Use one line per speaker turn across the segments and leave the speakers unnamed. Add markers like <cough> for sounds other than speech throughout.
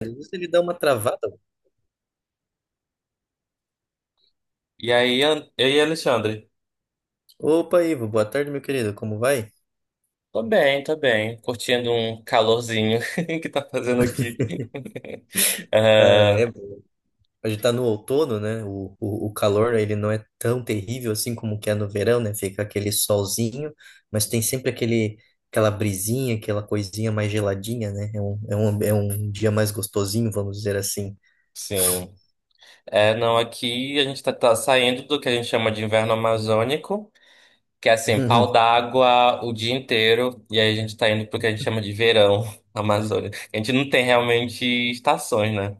Às vezes Ele dá uma travada.
E aí, e aí, Alexandre?
Opa, Ivo, boa tarde, meu querido, como vai?
Tô bem, tô bem. Curtindo um calorzinho <laughs> que tá fazendo aqui. <laughs>
Ah, é,
Ah,
a gente tá no outono, né? O calor, ele não é tão terrível assim como que é no verão, né? Fica aquele solzinho, mas tem sempre aquele, aquela brisinha, aquela coisinha mais geladinha, né? É um dia mais gostosinho, vamos dizer assim.
sim. Não, aqui a gente tá saindo do que a gente chama de inverno amazônico, que é assim, pau
<laughs>
d'água o dia inteiro, e aí a gente tá indo pro que a gente chama de verão <laughs> amazônico. A gente não tem realmente estações, né?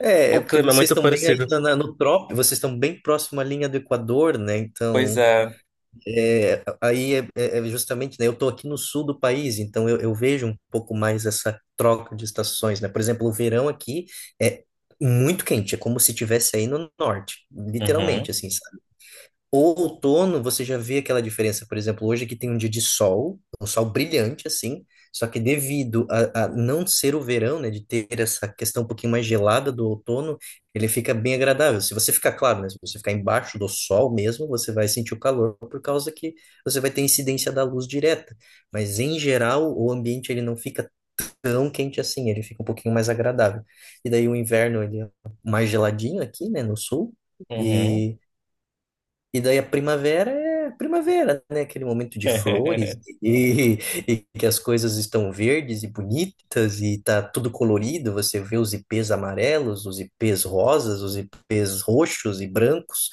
É, é
O
porque
clima é
vocês
muito
estão bem
parecido.
ainda no trópico, vocês estão bem próximo à linha do Equador, né?
Pois
Então,
é.
é, aí é, é justamente, né, eu estou aqui no sul do país, então eu vejo um pouco mais essa troca de estações, né? Por exemplo, o verão aqui é muito quente, é como se tivesse aí no norte, literalmente,
Uhum,
assim, o outono, você já vê aquela diferença. Por exemplo, hoje aqui tem um dia de sol, um sol brilhante, assim, só que devido a não ser o verão, né, de ter essa questão um pouquinho mais gelada do outono, ele fica bem agradável. Se você ficar, claro, né, se você ficar embaixo do sol mesmo, você vai sentir o calor por causa que você vai ter incidência da luz direta. Mas, em geral, o ambiente ele não fica tão quente assim, ele fica um pouquinho mais agradável. E daí o inverno, ele é mais geladinho aqui, né, no sul,
uhum.
e... E daí a primavera é primavera, né? Aquele momento de flores
<laughs>
e, <laughs> e que as coisas estão verdes e bonitas e tá tudo colorido. Você vê os ipês amarelos, os ipês rosas, os ipês roxos e brancos.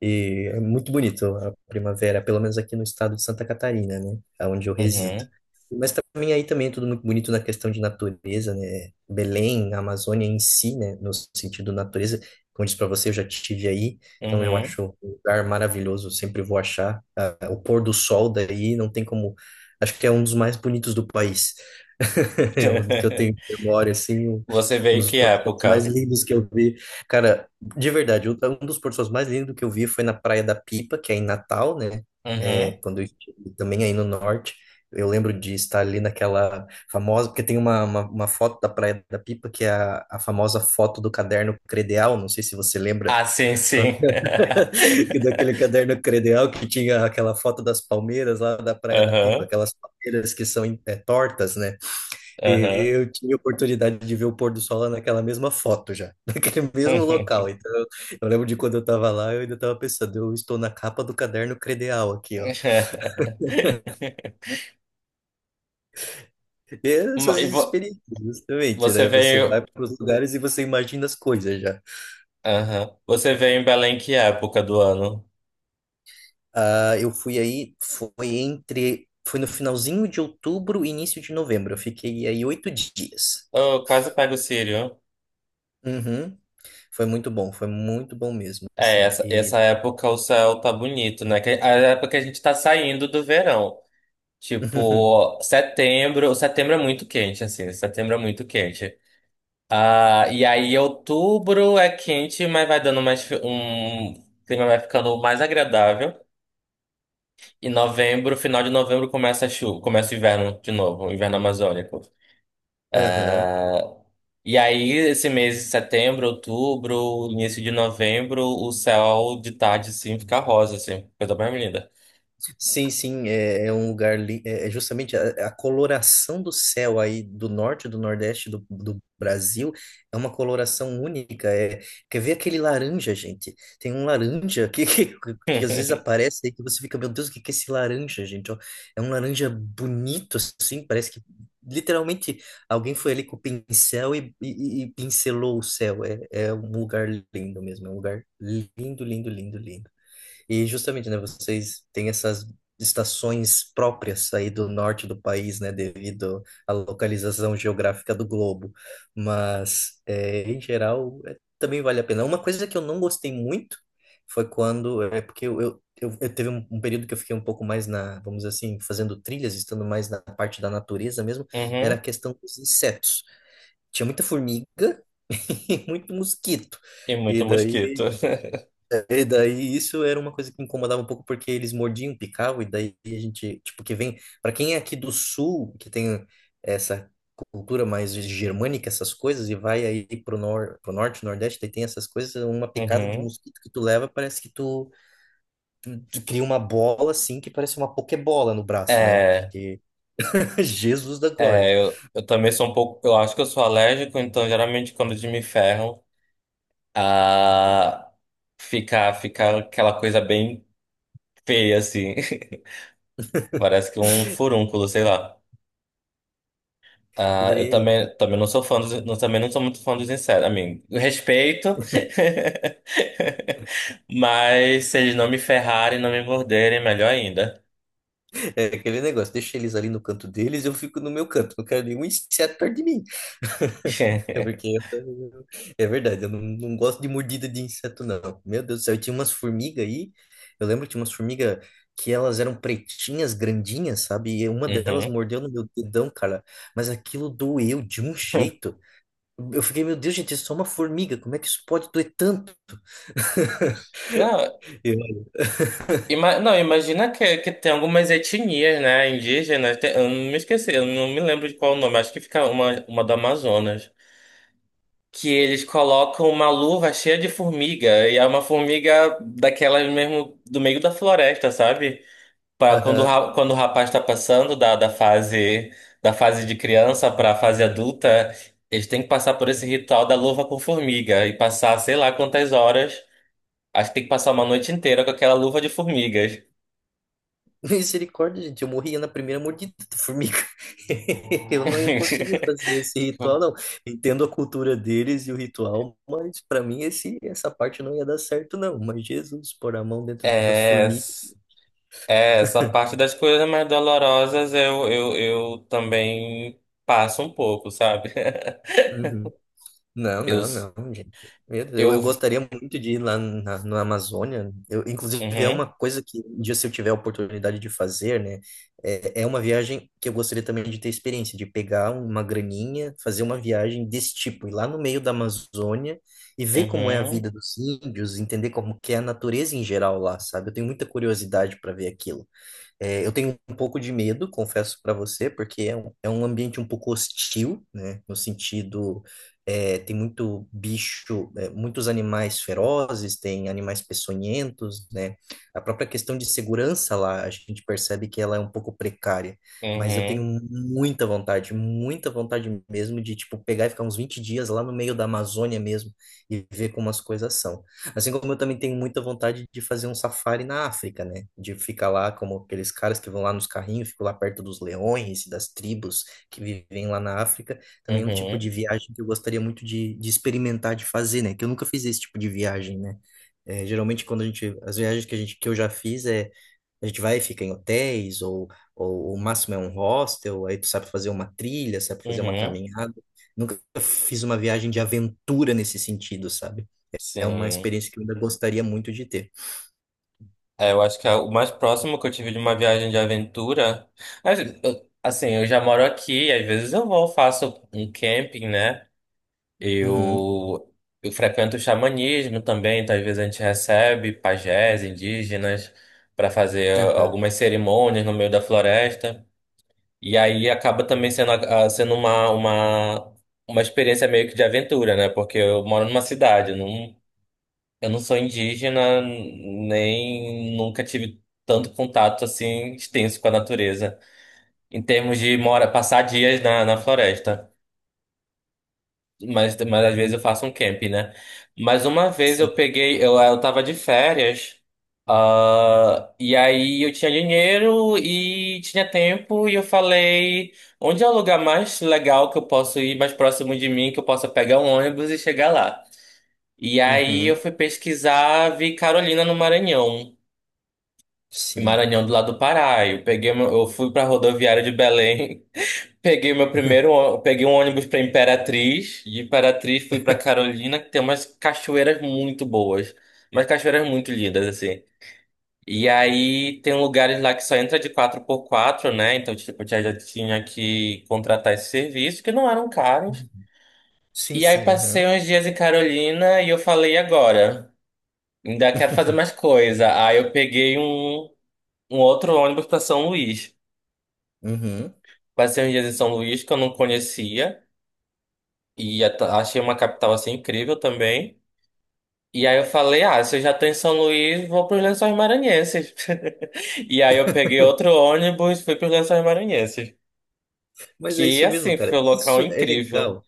E é muito bonito a primavera, pelo menos aqui no estado de Santa Catarina, né? Onde eu resido.
Uhum,
Mas também aí também é tudo muito bonito na questão de natureza, né? Belém, a Amazônia em si, né? No sentido natureza, como eu disse para você, eu já estive aí. Então eu
uhum.
acho lugar maravilhoso, eu sempre vou achar. Ah, o pôr do sol daí não tem como. Acho que é um dos mais bonitos do país. <laughs> O que eu
<laughs>
tenho memória, assim, um
Você
um
veio
dos
que
pôr do sol mais
época?
lindos que eu vi. Cara, de verdade, um dos pôr do sol mais lindos que eu vi foi na Praia da Pipa, que é em Natal, né? É,
Uhum.
quando eu estive também aí no norte. Eu lembro de estar ali naquela famosa, porque tem uma foto da Praia da Pipa, que é a famosa foto do caderno credeal. Não sei se você lembra.
Ah, sim, sim. <laughs>
<laughs> Daquele caderno credencial que tinha aquela foto das palmeiras lá da Praia da Pipa,
Aham,
aquelas palmeiras que são é, tortas, né? E
aham.
eu tive a oportunidade de ver o pôr do sol lá naquela mesma foto já, <laughs> naquele mesmo local.
<laughs>
Então, eu lembro de quando eu tava lá, eu ainda tava pensando, eu estou na capa do caderno credencial aqui, ó. E
Mas
essas
e vo-
experiências, justamente,
Você
né? Você vai
veio.
para os lugares e você imagina as coisas já.
Aham. Você veio em Belém que época do ano?
Ah, eu fui aí, foi entre, foi no finalzinho de outubro e início de novembro. Eu fiquei aí 8 dias.
Eu quase pego o Círio.
Uhum. Foi muito bom mesmo,
É,
assim.
essa,
E,
essa época o céu tá bonito, né? Que é a época que a gente tá saindo do verão.
<laughs>
Tipo, setembro. Setembro é muito quente, assim. Setembro é muito quente. Ah, e aí outubro é quente, mas vai dando mais fi- um o clima vai ficando mais agradável. E novembro, final de novembro começa a chuva, começa o inverno de novo, o inverno amazônico.
aham.
E aí esse mês de setembro, outubro, início de novembro, o céu de tarde sim fica rosa assim, coisa mais linda.
Sim, sim, é, é um lugar, é é justamente a coloração do céu aí do norte, do nordeste do Brasil, é uma coloração única, é, quer ver aquele laranja, gente? Tem um laranja que, <laughs> que às vezes
<laughs>
aparece aí que você fica, meu Deus, o que que é esse laranja, gente? Ó, é um laranja bonito, assim, parece que literalmente alguém foi ali com o pincel e pincelou o céu, é, é um lugar lindo mesmo, é um lugar lindo, lindo, lindo, lindo. E justamente, né, vocês têm essas estações próprias aí do norte do país, né, devido à localização geográfica do globo. Mas, é, em geral, é, também vale a pena. Uma coisa que eu não gostei muito foi quando, é porque eu teve um período que eu fiquei um pouco mais na, vamos dizer assim, fazendo trilhas, estando mais na parte da natureza mesmo, era a
Uhum.
questão dos insetos. Tinha muita formiga <laughs> e muito mosquito.
E
E
muito mosquito.
daí
<laughs>
e daí isso era uma coisa que incomodava um pouco porque eles mordiam, picavam, e daí a gente, tipo, que vem, para quem é aqui do sul, que tem essa cultura mais germânica, essas coisas, e vai aí pro, nor pro norte, nordeste, daí tem essas coisas, uma picada de
Uhum.
mosquito que tu leva, parece que tu, tu cria uma bola assim, que parece uma pokebola no braço, né?
É,
Porque <laughs> Jesus da glória.
eu também sou um pouco, eu acho que eu sou alérgico, então geralmente quando eles me ferram a ficar aquela coisa bem feia, assim. <laughs> Parece que um furúnculo, sei lá.
E
Ah, eu
daí aí,
também, também não sou fã dos, não, também não sou muito fã dos insetos. A mim, respeito, <laughs> mas se eles não me ferrarem, não me morderem, melhor ainda.
é aquele negócio, deixa eles ali no canto deles, eu fico no meu canto, não quero nenhum inseto perto de mim. É porque
<laughs>
eu- é verdade, eu não, não gosto de mordida de inseto, não. Meu Deus do céu, eu tinha umas formigas aí. Eu lembro que tinha umas formigas que elas eram pretinhas, grandinhas, sabe? E uma delas
Uhum.
mordeu no meu dedão, cara. Mas aquilo doeu de um jeito. Eu fiquei, meu Deus, gente, é só uma formiga. Como é que isso pode doer tanto?
Não,
Eu,
não, imagina que tem algumas etnias, né, indígenas. Eu não me esqueci, eu não me lembro de qual o nome. Acho que fica uma do Amazonas. Que eles colocam uma luva cheia de formiga e é uma formiga daquelas mesmo do meio da floresta, sabe? Pra quando,
Aham.
quando o rapaz está passando da fase de criança para a fase adulta, eles têm que passar por esse ritual da luva com formiga e passar sei lá quantas horas. Acho que tem que passar uma noite inteira com aquela luva de formigas.
<laughs> Misericórdia, gente, eu morria na primeira mordida da formiga. <laughs> Eu não ia conseguir fazer
<laughs>
esse ritual, não. Entendo a cultura deles e o ritual, mas para mim esse, essa parte não ia dar certo, não. Mas Jesus, pôr a mão dentro das
É.
formigas.
É, essa parte das coisas mais dolorosas eu também passo um pouco, sabe? <laughs>
Uhum. Não,
Eu,
não, não, gente. Meu Deus, eu
eu,
gostaria muito de ir lá na Amazônia. Eu, inclusive, é
uhum,
uma coisa que, um dia, se eu tiver a oportunidade de fazer, né? É, é uma viagem que eu gostaria também de ter experiência, de pegar uma graninha, fazer uma viagem desse tipo, ir lá no meio da Amazônia e ver como é a
uhum,
vida dos índios, entender como que é a natureza em geral lá, sabe? Eu tenho muita curiosidade para ver aquilo. É, eu tenho um pouco de medo, confesso para você, porque é um ambiente um pouco hostil, né? No sentido, é, tem muito bicho, é, muitos animais ferozes, tem animais peçonhentos, né? A própria questão de segurança lá, a gente percebe que ela é um pouco precária, mas eu tenho
uhum,
muita vontade mesmo de, tipo, pegar e ficar uns 20 dias lá no meio da Amazônia mesmo e ver como as coisas são. Assim como eu também tenho muita vontade de fazer um safari na África, né? De ficar lá como aqueles caras que vão lá nos carrinhos, ficam lá perto dos leões e das tribos que vivem lá na África. Também é um tipo de
uhum,
viagem que eu gostaria muito de experimentar, de fazer, né? Que eu nunca fiz esse tipo de viagem, né? É, geralmente quando a gente, as viagens que a gente, que eu já fiz é a gente vai e fica em hotéis ou o máximo é um hostel, aí tu sabe fazer uma trilha, sabe fazer uma
uhum,
caminhada. Nunca fiz uma viagem de aventura nesse sentido, sabe? É uma
sim.
experiência que eu ainda gostaria muito de ter.
É, eu acho que é o mais próximo que eu tive de uma viagem de aventura, mas, assim, eu já moro aqui, às vezes eu vou, faço um camping, né?
Uhum.
Eu, eu frequento o xamanismo também, então às vezes a gente recebe pajés indígenas para fazer
Aham.
algumas cerimônias no meio da floresta. E aí acaba também sendo, sendo uma experiência meio que de aventura, né? Porque eu moro numa cidade, eu não sou indígena, nem nunca tive tanto contato assim extenso com a natureza, em termos de mora, passar dias na, na floresta. Mas às vezes
Hum,
eu faço um camp, né? Mas uma vez
sim.
eu peguei, eu tava de férias, e aí eu tinha dinheiro e tinha tempo, e eu falei, onde é o lugar mais legal que eu posso ir, mais próximo de mim, que eu possa pegar um ônibus e chegar lá? E aí eu
Uhum.
fui pesquisar, vi Carolina no Maranhão,
Sim.
Maranhão do lado do Pará. Eu peguei, eu fui pra rodoviária de Belém. Peguei meu
<laughs>
peguei um ônibus para Imperatriz, de Imperatriz fui para Carolina, que tem umas cachoeiras muito boas, umas cachoeiras muito lindas assim. E aí tem lugares lá que só entra de quatro por quatro, né? Então, tipo, eu já tinha que contratar esse serviço, que não eram caros.
Sim,
E aí
sim,
passei
aham.
uns dias em Carolina e eu falei, "E agora, ainda quero fazer mais
<laughs>
coisa." Aí eu peguei um outro ônibus para São Luís.
Uhum.
Passei uns dias em São Luís que eu não conhecia. E achei uma capital assim incrível também. E aí eu falei, ah, se eu já tô em São Luís, vou pros Lençóis Maranhenses. <laughs> E aí eu peguei outro ônibus, fui pros Lençóis Maranhenses.
Mas é
Que
isso mesmo,
assim,
cara.
foi um local
Isso é
incrível.
legal.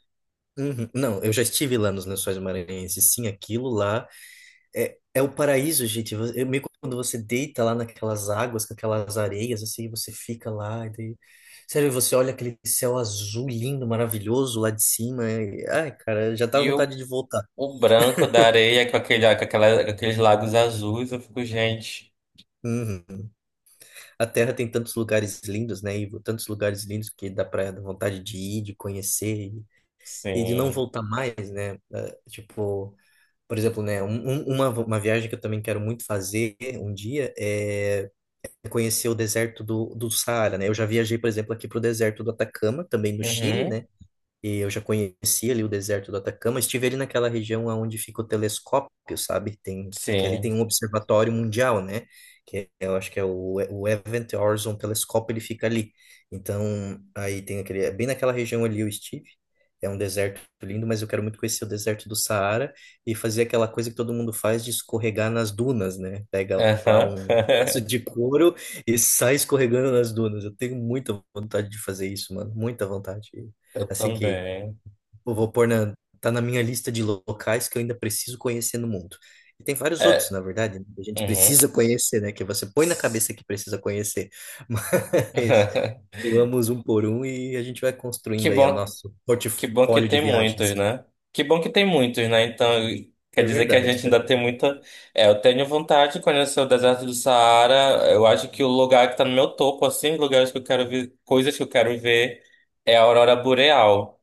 Uhum. Não, eu já estive lá nos Lençóis Maranhenses. Sim, aquilo lá é, é o paraíso, gente. Eu, meio quando você deita lá naquelas águas, com aquelas areias, assim, você fica lá. E daí... Sério, você olha aquele céu azul lindo, maravilhoso lá de cima. Ai, cara, já dá
E
vontade de voltar.
o branco da areia com, aquele, com aqueles lagos azuis, eu fico, gente.
Uhum. A Terra tem tantos lugares lindos, né, Ivo? Tantos lugares lindos que dá pra dar vontade de ir, de conhecer e de não
Sim.
voltar mais, né? Ah, tipo, por exemplo, né, uma viagem que eu também quero muito fazer um dia é conhecer o deserto do Saara, né? Eu já viajei, por exemplo, aqui pro deserto do Atacama, também no Chile,
Uhum.
né? E eu já conheci ali o deserto do Atacama, estive ali naquela região onde fica o telescópio, sabe? Tem, que ali tem
Sim.
um observatório mundial, né? Eu acho que é o Event Horizon Telescope, ele fica ali. Então, aí tem aquele, é bem naquela região ali eu estive. É um deserto lindo, mas eu quero muito conhecer o deserto do Saara e fazer aquela coisa que todo mundo faz de escorregar nas dunas, né? Pega lá
Aham.
um pedaço
<laughs>
de couro e sai escorregando nas dunas. Eu tenho muita vontade de fazer isso, mano, muita vontade.
Eu
Assim que
também.
vou pôr tá na minha lista de locais que eu ainda preciso conhecer no mundo. E tem vários outros,
É.
na verdade, né, que a gente
Uhum.
precisa conhecer, né? Que você põe na cabeça que precisa conhecer. <laughs> Mas
<laughs>
vamos um por um e a gente vai
Que
construindo aí o
bom
nosso
Que bom que
portfólio de
tem muitos,
viagens.
né? Que bom que tem muitos, né? Então, quer
É
dizer que a
verdade,
gente ainda
cara.
tem muita. É, eu tenho vontade de conhecer o deserto do Saara. Eu acho que o lugar que tá no meu topo, assim, lugares que eu quero ver, coisas que eu quero ver, é a aurora boreal.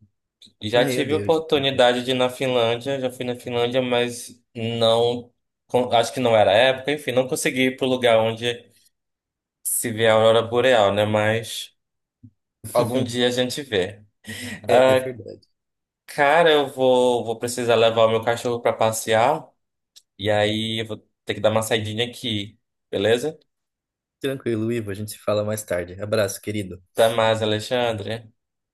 Já
Meu
tive a
Deus.
oportunidade de ir na Finlândia, já fui na Finlândia, mas não. Acho que não era a época, enfim, não consegui ir pro lugar onde se vê a aurora boreal, né? Mas algum dia a
<laughs>
gente vê.
É
Ah,
verdade.
cara, eu vou, vou precisar levar o meu cachorro pra passear. E aí eu vou ter que dar uma saidinha aqui, beleza?
Tranquilo, Ivo, a gente se fala mais tarde. Abraço, querido.
Até mais, Alexandre.